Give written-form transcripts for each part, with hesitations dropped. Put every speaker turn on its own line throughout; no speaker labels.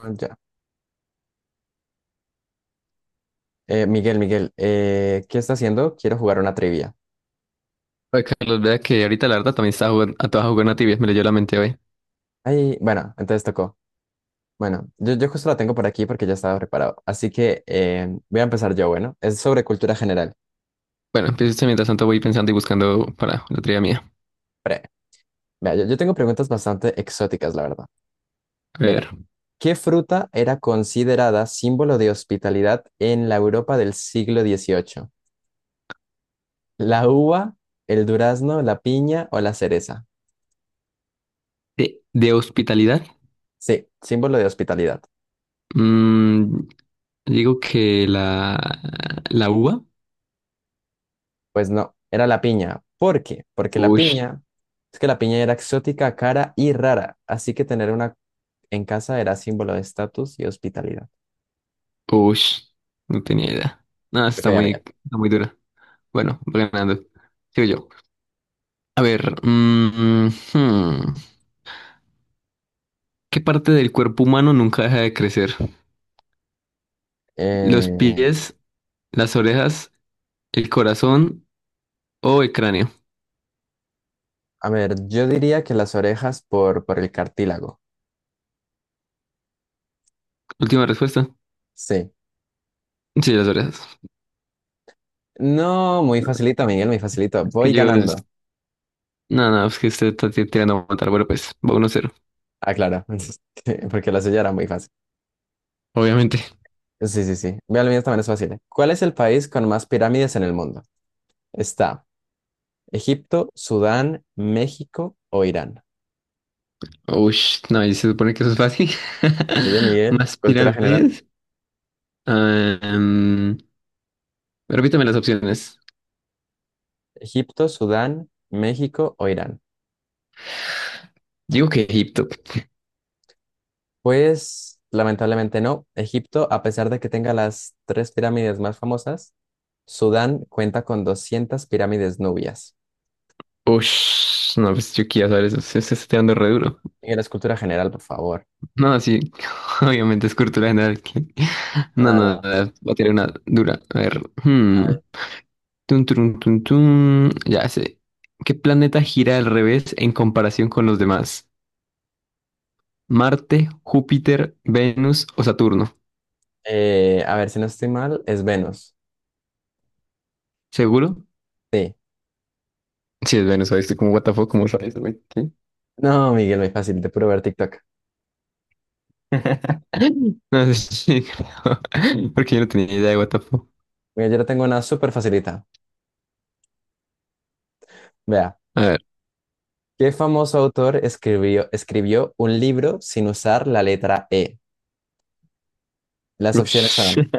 Ya. Miguel, ¿qué está haciendo? Quiero jugar una trivia.
Oye, Carlos, vea que ahorita la verdad también estaba jugando a Tibia, me leyó la mente hoy.
Ay, bueno, entonces tocó. Bueno, yo justo la tengo por aquí porque ya estaba preparado. Así que voy a empezar yo, bueno. Es sobre cultura general.
Bueno, empiezo esto mientras tanto voy pensando y buscando para la trivia mía.
Pre. Vea, yo tengo preguntas bastante exóticas, la verdad.
A
Mira,
ver,
¿qué fruta era considerada símbolo de hospitalidad en la Europa del siglo XVIII? ¿La uva, el durazno, la piña o la cereza?
de hospitalidad,
Sí, símbolo de hospitalidad.
mm, digo que la uva.
Pues no, era la piña. ¿Por qué? Porque la
Ush,
piña, es que la piña era exótica, cara y rara, así que tener una en casa era símbolo de estatus y hospitalidad.
ush, no tenía idea. No,
Ok,
está
amiga.
muy, está muy dura. Bueno, voy ganando. Sigo yo. A ver, hmm, ¿qué parte del cuerpo humano nunca deja de crecer? ¿Los
Eh,
pies, las orejas, el corazón o el cráneo?
a ver, yo diría que las orejas por el cartílago.
Última respuesta.
Sí.
Sí, las orejas.
No, muy facilito, Miguel, muy facilito.
Es
Voy
que yo es.
ganando.
No, no, es que usted está tirando a matar. Bueno, pues va 1-0.
Ah, claro, porque la suya era muy fácil.
Obviamente.
Sí, sí, sí. Vea, la mía también es fácil. ¿Eh? ¿Cuál es el país con más pirámides en el mundo? Está Egipto, Sudán, México o Irán.
Uy, no, y se supone que eso es fácil.
Muy bien, Miguel,
Más
cultura general.
pirámides. Ah, repítame las opciones.
¿Egipto, Sudán, México o Irán?
Digo que Egipto.
Pues lamentablemente no. Egipto, a pesar de que tenga las tres pirámides más famosas, Sudán cuenta con 200 pirámides nubias.
Uy, no, pues yo quiero saber eso. Se está tirando re duro.
Miguel, es cultura general, por favor.
No, sí. Obviamente es cultura general. No,
No,
no, no,
no.
voy a tirar una dura. A ver. Hmm.
Ah,
Tun, turun, tun, tun. Ya sé. ¿Qué planeta gira al revés en comparación con los demás? ¿Marte, Júpiter, Venus o Saturno?
a ver, si no estoy mal, es Venus.
¿Seguro?
Sí.
Sí, es Venus, ¿sabes? Como, what the fuck, ¿cómo sabes, güey? ¿Sí?
No, Miguel, muy fácil, de puro ver TikTok.
No sé sí, creo. Porque yo no tenía idea de what the fuck.
Mira, yo le tengo una súper facilita. Vea,
A ver.
¿qué famoso autor escribió un libro sin usar la letra E? Las opciones
Ush.
son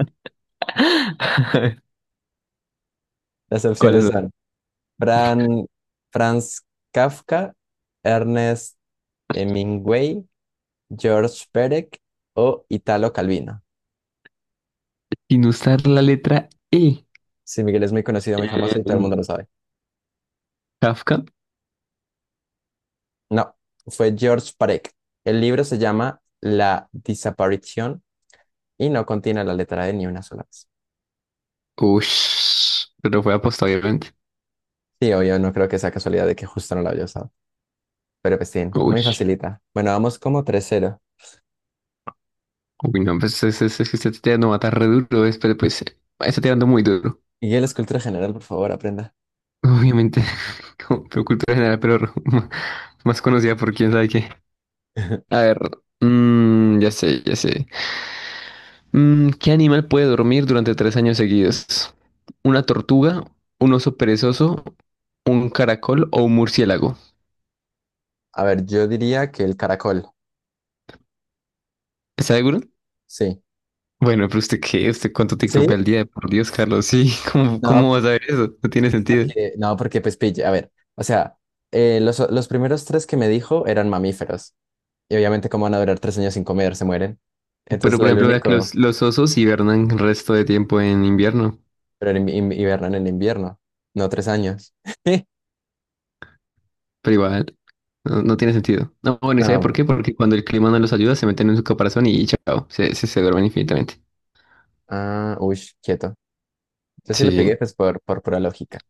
Las
¿Cuáles
opciones
son?
son Fran, Franz Kafka, Ernest Hemingway, George Perec o Italo Calvino.
Sin usar la letra E.
Sí, Miguel es muy conocido, muy famoso y todo el
Em,
mundo lo sabe.
Kafka.
No, fue George Perec. El libro se llama La desaparición y no contiene la letra de ni una sola vez.
Ush. Pero fue apostado, obviamente.
Sí, obvio, no creo que sea casualidad de que justo no lo haya usado. Pero pues sí, muy
Ush.
facilita. Bueno, vamos como tres cero.
Uy, no, pues es que se está tirando a matar re duro, es, pero pues está tirando muy duro.
Miguel, es cultura general, por favor, aprenda.
Obviamente, como pero cultura general, pero más conocida por quién sabe qué. A ver, ya sé, ya sé. ¿Qué animal puede dormir durante 3 años seguidos? ¿Una tortuga, un oso perezoso, un caracol o un murciélago?
A ver, yo diría que el caracol.
¿Está seguro?
Sí.
Bueno, pero usted qué, usted cuánto TikTok
¿Sí?
ve al día, por Dios, Carlos, sí, ¿cómo,
No,
cómo vas a ver eso? No tiene sentido.
porque, no, porque pues pille, a ver, o sea, los primeros tres que me dijo eran mamíferos. Y obviamente, ¿cómo van a durar tres años sin comer? Se mueren.
Pero
Entonces,
por
el
ejemplo, veas que los,
único,
los osos hibernan el resto de tiempo en invierno,
pero en hibernan en invierno, no tres años.
pero igual no, no tiene sentido. No, bueno, ¿y sabe por
No,
qué? Porque cuando el clima no los ayuda, se meten en su caparazón y chao, se duermen infinitamente.
ah, uy, quieto. Yo sí le
Sí,
pegué, pues, por pura lógica.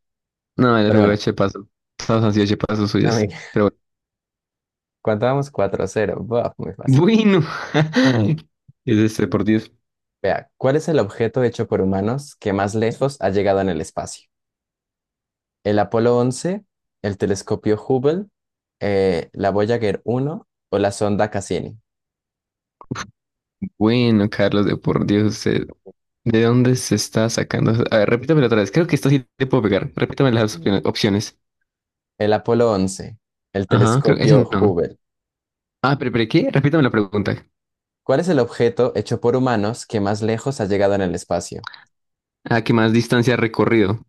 no, le
Pero
pegó de
bueno,
chepazo. Todos han sido chepazos suyos.
amiga,
Pero
¿cuánto vamos? Cuatro a cero. Buah, muy fácil.
bueno, bueno, es este, por Dios.
Vea, ¿cuál es el objeto hecho por humanos que más lejos ha llegado en el espacio? ¿El Apolo once, el telescopio Hubble, la Voyager uno o la sonda Cassini?
Bueno, Carlos, de por Dios, usted, ¿de dónde se está sacando? A ver, repítamelo otra vez. Creo que esta sí te puedo pegar. Repítame las opciones.
El Apolo once, el
Ajá, creo que ese
telescopio
no.
Hubble.
Ah, pero ¿qué? Repítame la pregunta.
¿Cuál es el objeto hecho por humanos que más lejos ha llegado en el espacio?
Ah, que más distancia ha recorrido.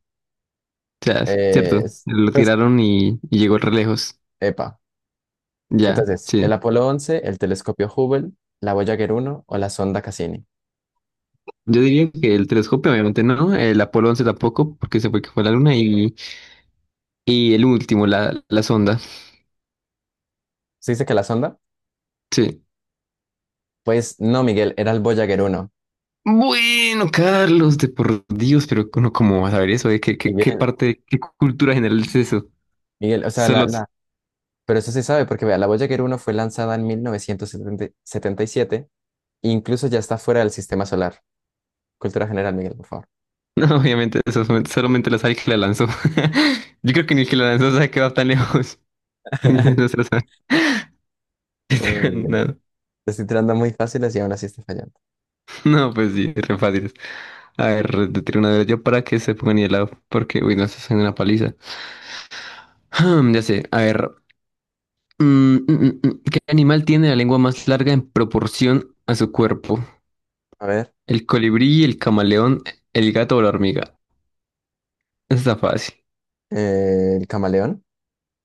O sea, es
Eh,
cierto,
es-
lo
pues,
tiraron y llegó re lejos.
epa.
Ya,
Entonces, el
sí.
Apolo once, el telescopio Hubble, la Voyager uno o la sonda Cassini.
Yo diría que el telescopio, obviamente no, el Apolo 11 tampoco, porque se fue que fue a la Luna, y el último, la sonda.
¿Se dice que la sonda?
Sí.
Pues no, Miguel, era el Voyager uno.
Bueno, Carlos, de por Dios, pero ¿uno cómo va a saber eso, eh? ¿Qué, qué, qué
Miguel,
parte, qué cultura general es eso?
Miguel, o sea, la,
Solo,
la- Pero eso se sabe porque, vea, la Voyager uno fue lanzada en mil novecientos setenta y siete. Incluso ya está fuera del sistema solar. Cultura general, Miguel, por favor.
no, obviamente, eso, solamente lo sabe el que la lanzó. Yo creo que ni el que la lanzó sabe que va tan lejos. No se lo sabe.
Uy, uy,
No,
te estoy tirando muy fáciles y aún así está fallando.
no, pues sí, es re fácil. A ver, te tiro una de yo para que se pongan helado, porque, uy, no estás en una paliza. Ya sé, a ver. Mm, mm, mm, mm. ¿Qué animal tiene la lengua más larga en proporción a su cuerpo?
A ver,
¿El colibrí, el camaleón, el gato o la hormiga? Está fácil.
el camaleón.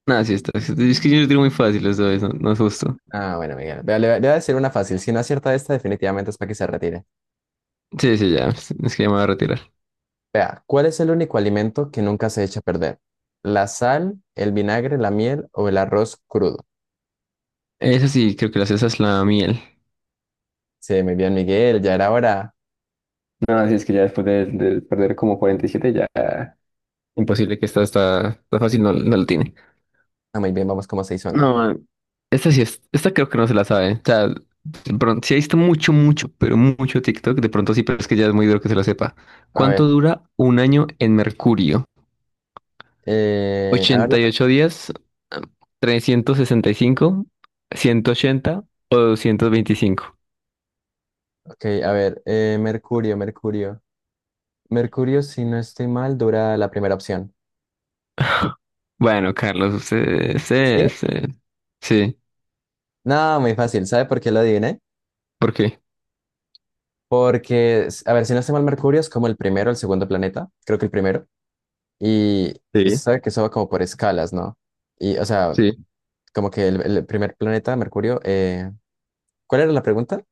Nada, sí está. Es que yo lo tiro muy fácil, eso es, no, no es justo.
Ah, bueno, Miguel. Vea, le voy a decir una fácil. Si no acierta esta, definitivamente es para que se retire.
Sí, sí, ya, es que ya me voy a retirar.
Vea, ¿cuál es el único alimento que nunca se echa a perder? ¿La sal, el vinagre, la miel o el arroz crudo?
Esa sí, creo que la cesa es la miel.
Sí, muy bien, Miguel. Ya era hora.
No, así es que ya después de perder como 47 ya imposible que esta está fácil, no, no lo tiene.
Ah, muy bien, vamos como se hizo, ¿no?
No, esta creo que no se la sabe. O sea, de pronto, sí he visto mucho, mucho, pero mucho TikTok, de pronto sí, pero es que ya es muy duro que se lo sepa.
A
¿Cuánto
ver,
dura un año en Mercurio?
a ver las
Ochenta y ocho
opciones.
días? 365, 180 o 225?
Ok, a ver, mercurio. Mercurio, si no estoy mal, dura la primera opción.
Bueno, Carlos, usted,
¿Sí?
sí, sí, sí.
No, muy fácil. ¿Sabe por qué lo adiviné?
¿Por qué?
Porque, a ver, si no estoy mal, Mercurio es como el primero, el segundo planeta, creo que el primero, y, y se
Sí,
sabe que eso va como por escalas, ¿no? Y, o sea,
sí.
como que el primer planeta, Mercurio, ¿cuál era la pregunta?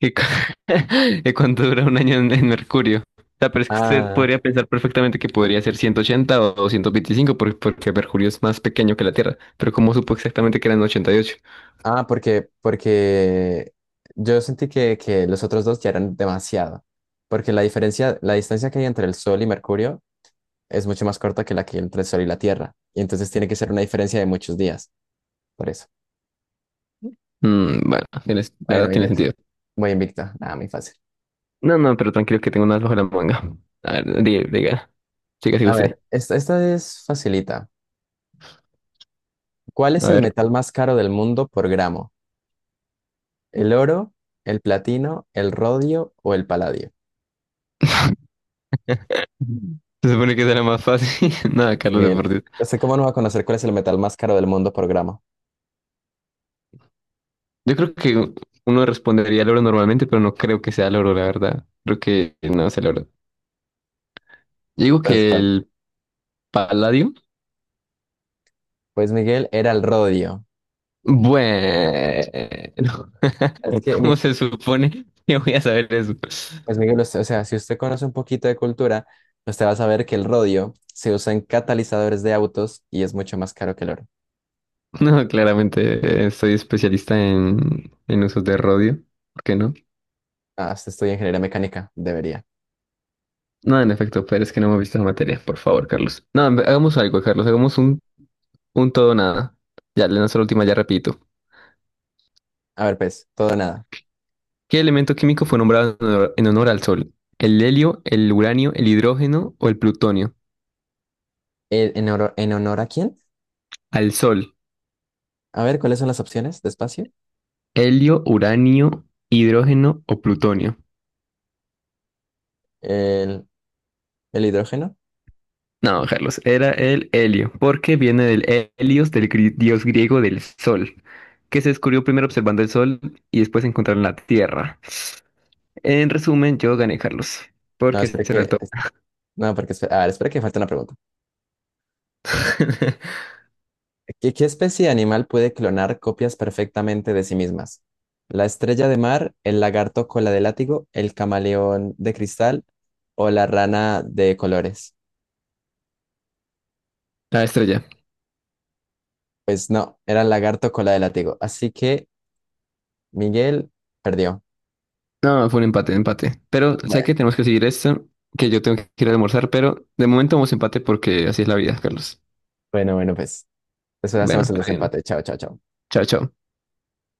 ¿Y, cu- ¿y cuánto dura un año en, Mercurio? O sea, pero es que usted
Ah,
podría pensar perfectamente que podría ser 180 o 225 porque Mercurio es más pequeño que la Tierra. Pero ¿cómo supo exactamente que eran 88?
porque yo sentí que los otros dos ya eran demasiado, porque la diferencia, la distancia que hay entre el Sol y Mercurio es mucho más corta que la que hay entre el Sol y la Tierra. Y entonces tiene que ser una diferencia de muchos días, por eso.
Bueno, la
Bueno,
verdad tiene
Miguel,
sentido.
voy invicto. Nada, muy fácil.
No, no, pero tranquilo que tengo una bajo la manga. A ver, diga, diga. Siga, siga
A
usted.
ver, esta es facilita. ¿Cuál
A
es el
ver.
metal más caro del mundo por gramo? ¿El oro, el platino, el rodio o el paladio?
Se supone que será más fácil. Nada, Carlos de
Miguel,
por Dios.
no sé cómo no va a conocer cuál es el metal más caro del mundo por gramo.
Yo creo que uno respondería al oro normalmente, pero no creo que sea el oro, la verdad. Creo que no sea el oro. Yo digo
Entonces,
que
¿cuál?
el paladio.
Pues Miguel era el rodio.
Bueno,
Es que,
¿cómo se supone que voy a saber eso?
pues Miguel, usted... o sea, si usted conoce un poquito de cultura, usted va a saber que el rodio se usa en catalizadores de autos y es mucho más caro que el oro.
No, claramente soy especialista en, usos de rodio. ¿Por qué no?
Ah, usted estudia ingeniería mecánica, debería.
No, en efecto, pero es que no hemos visto la materia. Por favor, Carlos. No, hagamos algo, Carlos. Hagamos un todo o nada. Ya, le lanzo la última, ya repito.
A ver, pues, todo o nada.
¿Qué elemento químico fue nombrado en honor al Sol? ¿El helio, el uranio, el hidrógeno o el plutonio?
¿ En honor a quién?
Al Sol.
A ver, ¿cuáles son las opciones de espacio?
Helio, uranio, hidrógeno o plutonio.
¿El, el hidrógeno?
No, Carlos, era el helio, porque viene del helios, del dios griego del sol, que se descubrió primero observando el sol y después encontraron la tierra. En resumen, yo gané, Carlos,
No,
porque
espere
será el
que...
top.
No, porque... A ver, espere que falta una pregunta. ¿Qué especie de animal puede clonar copias perfectamente de sí mismas? ¿La estrella de mar, el lagarto cola de látigo, el camaleón de cristal o la rana de colores?
La estrella.
Pues no, era el lagarto cola de látigo. Así que Miguel perdió.
No, fue un empate, empate. Pero sé
Bueno,
que tenemos que seguir esto, que yo tengo que ir a almorzar, pero de momento vamos empate porque así es la vida, Carlos.
bueno, pues eso
Bueno,
hacemos el
está bien.
desempate. Chao, chao, chao.
Chao, chao.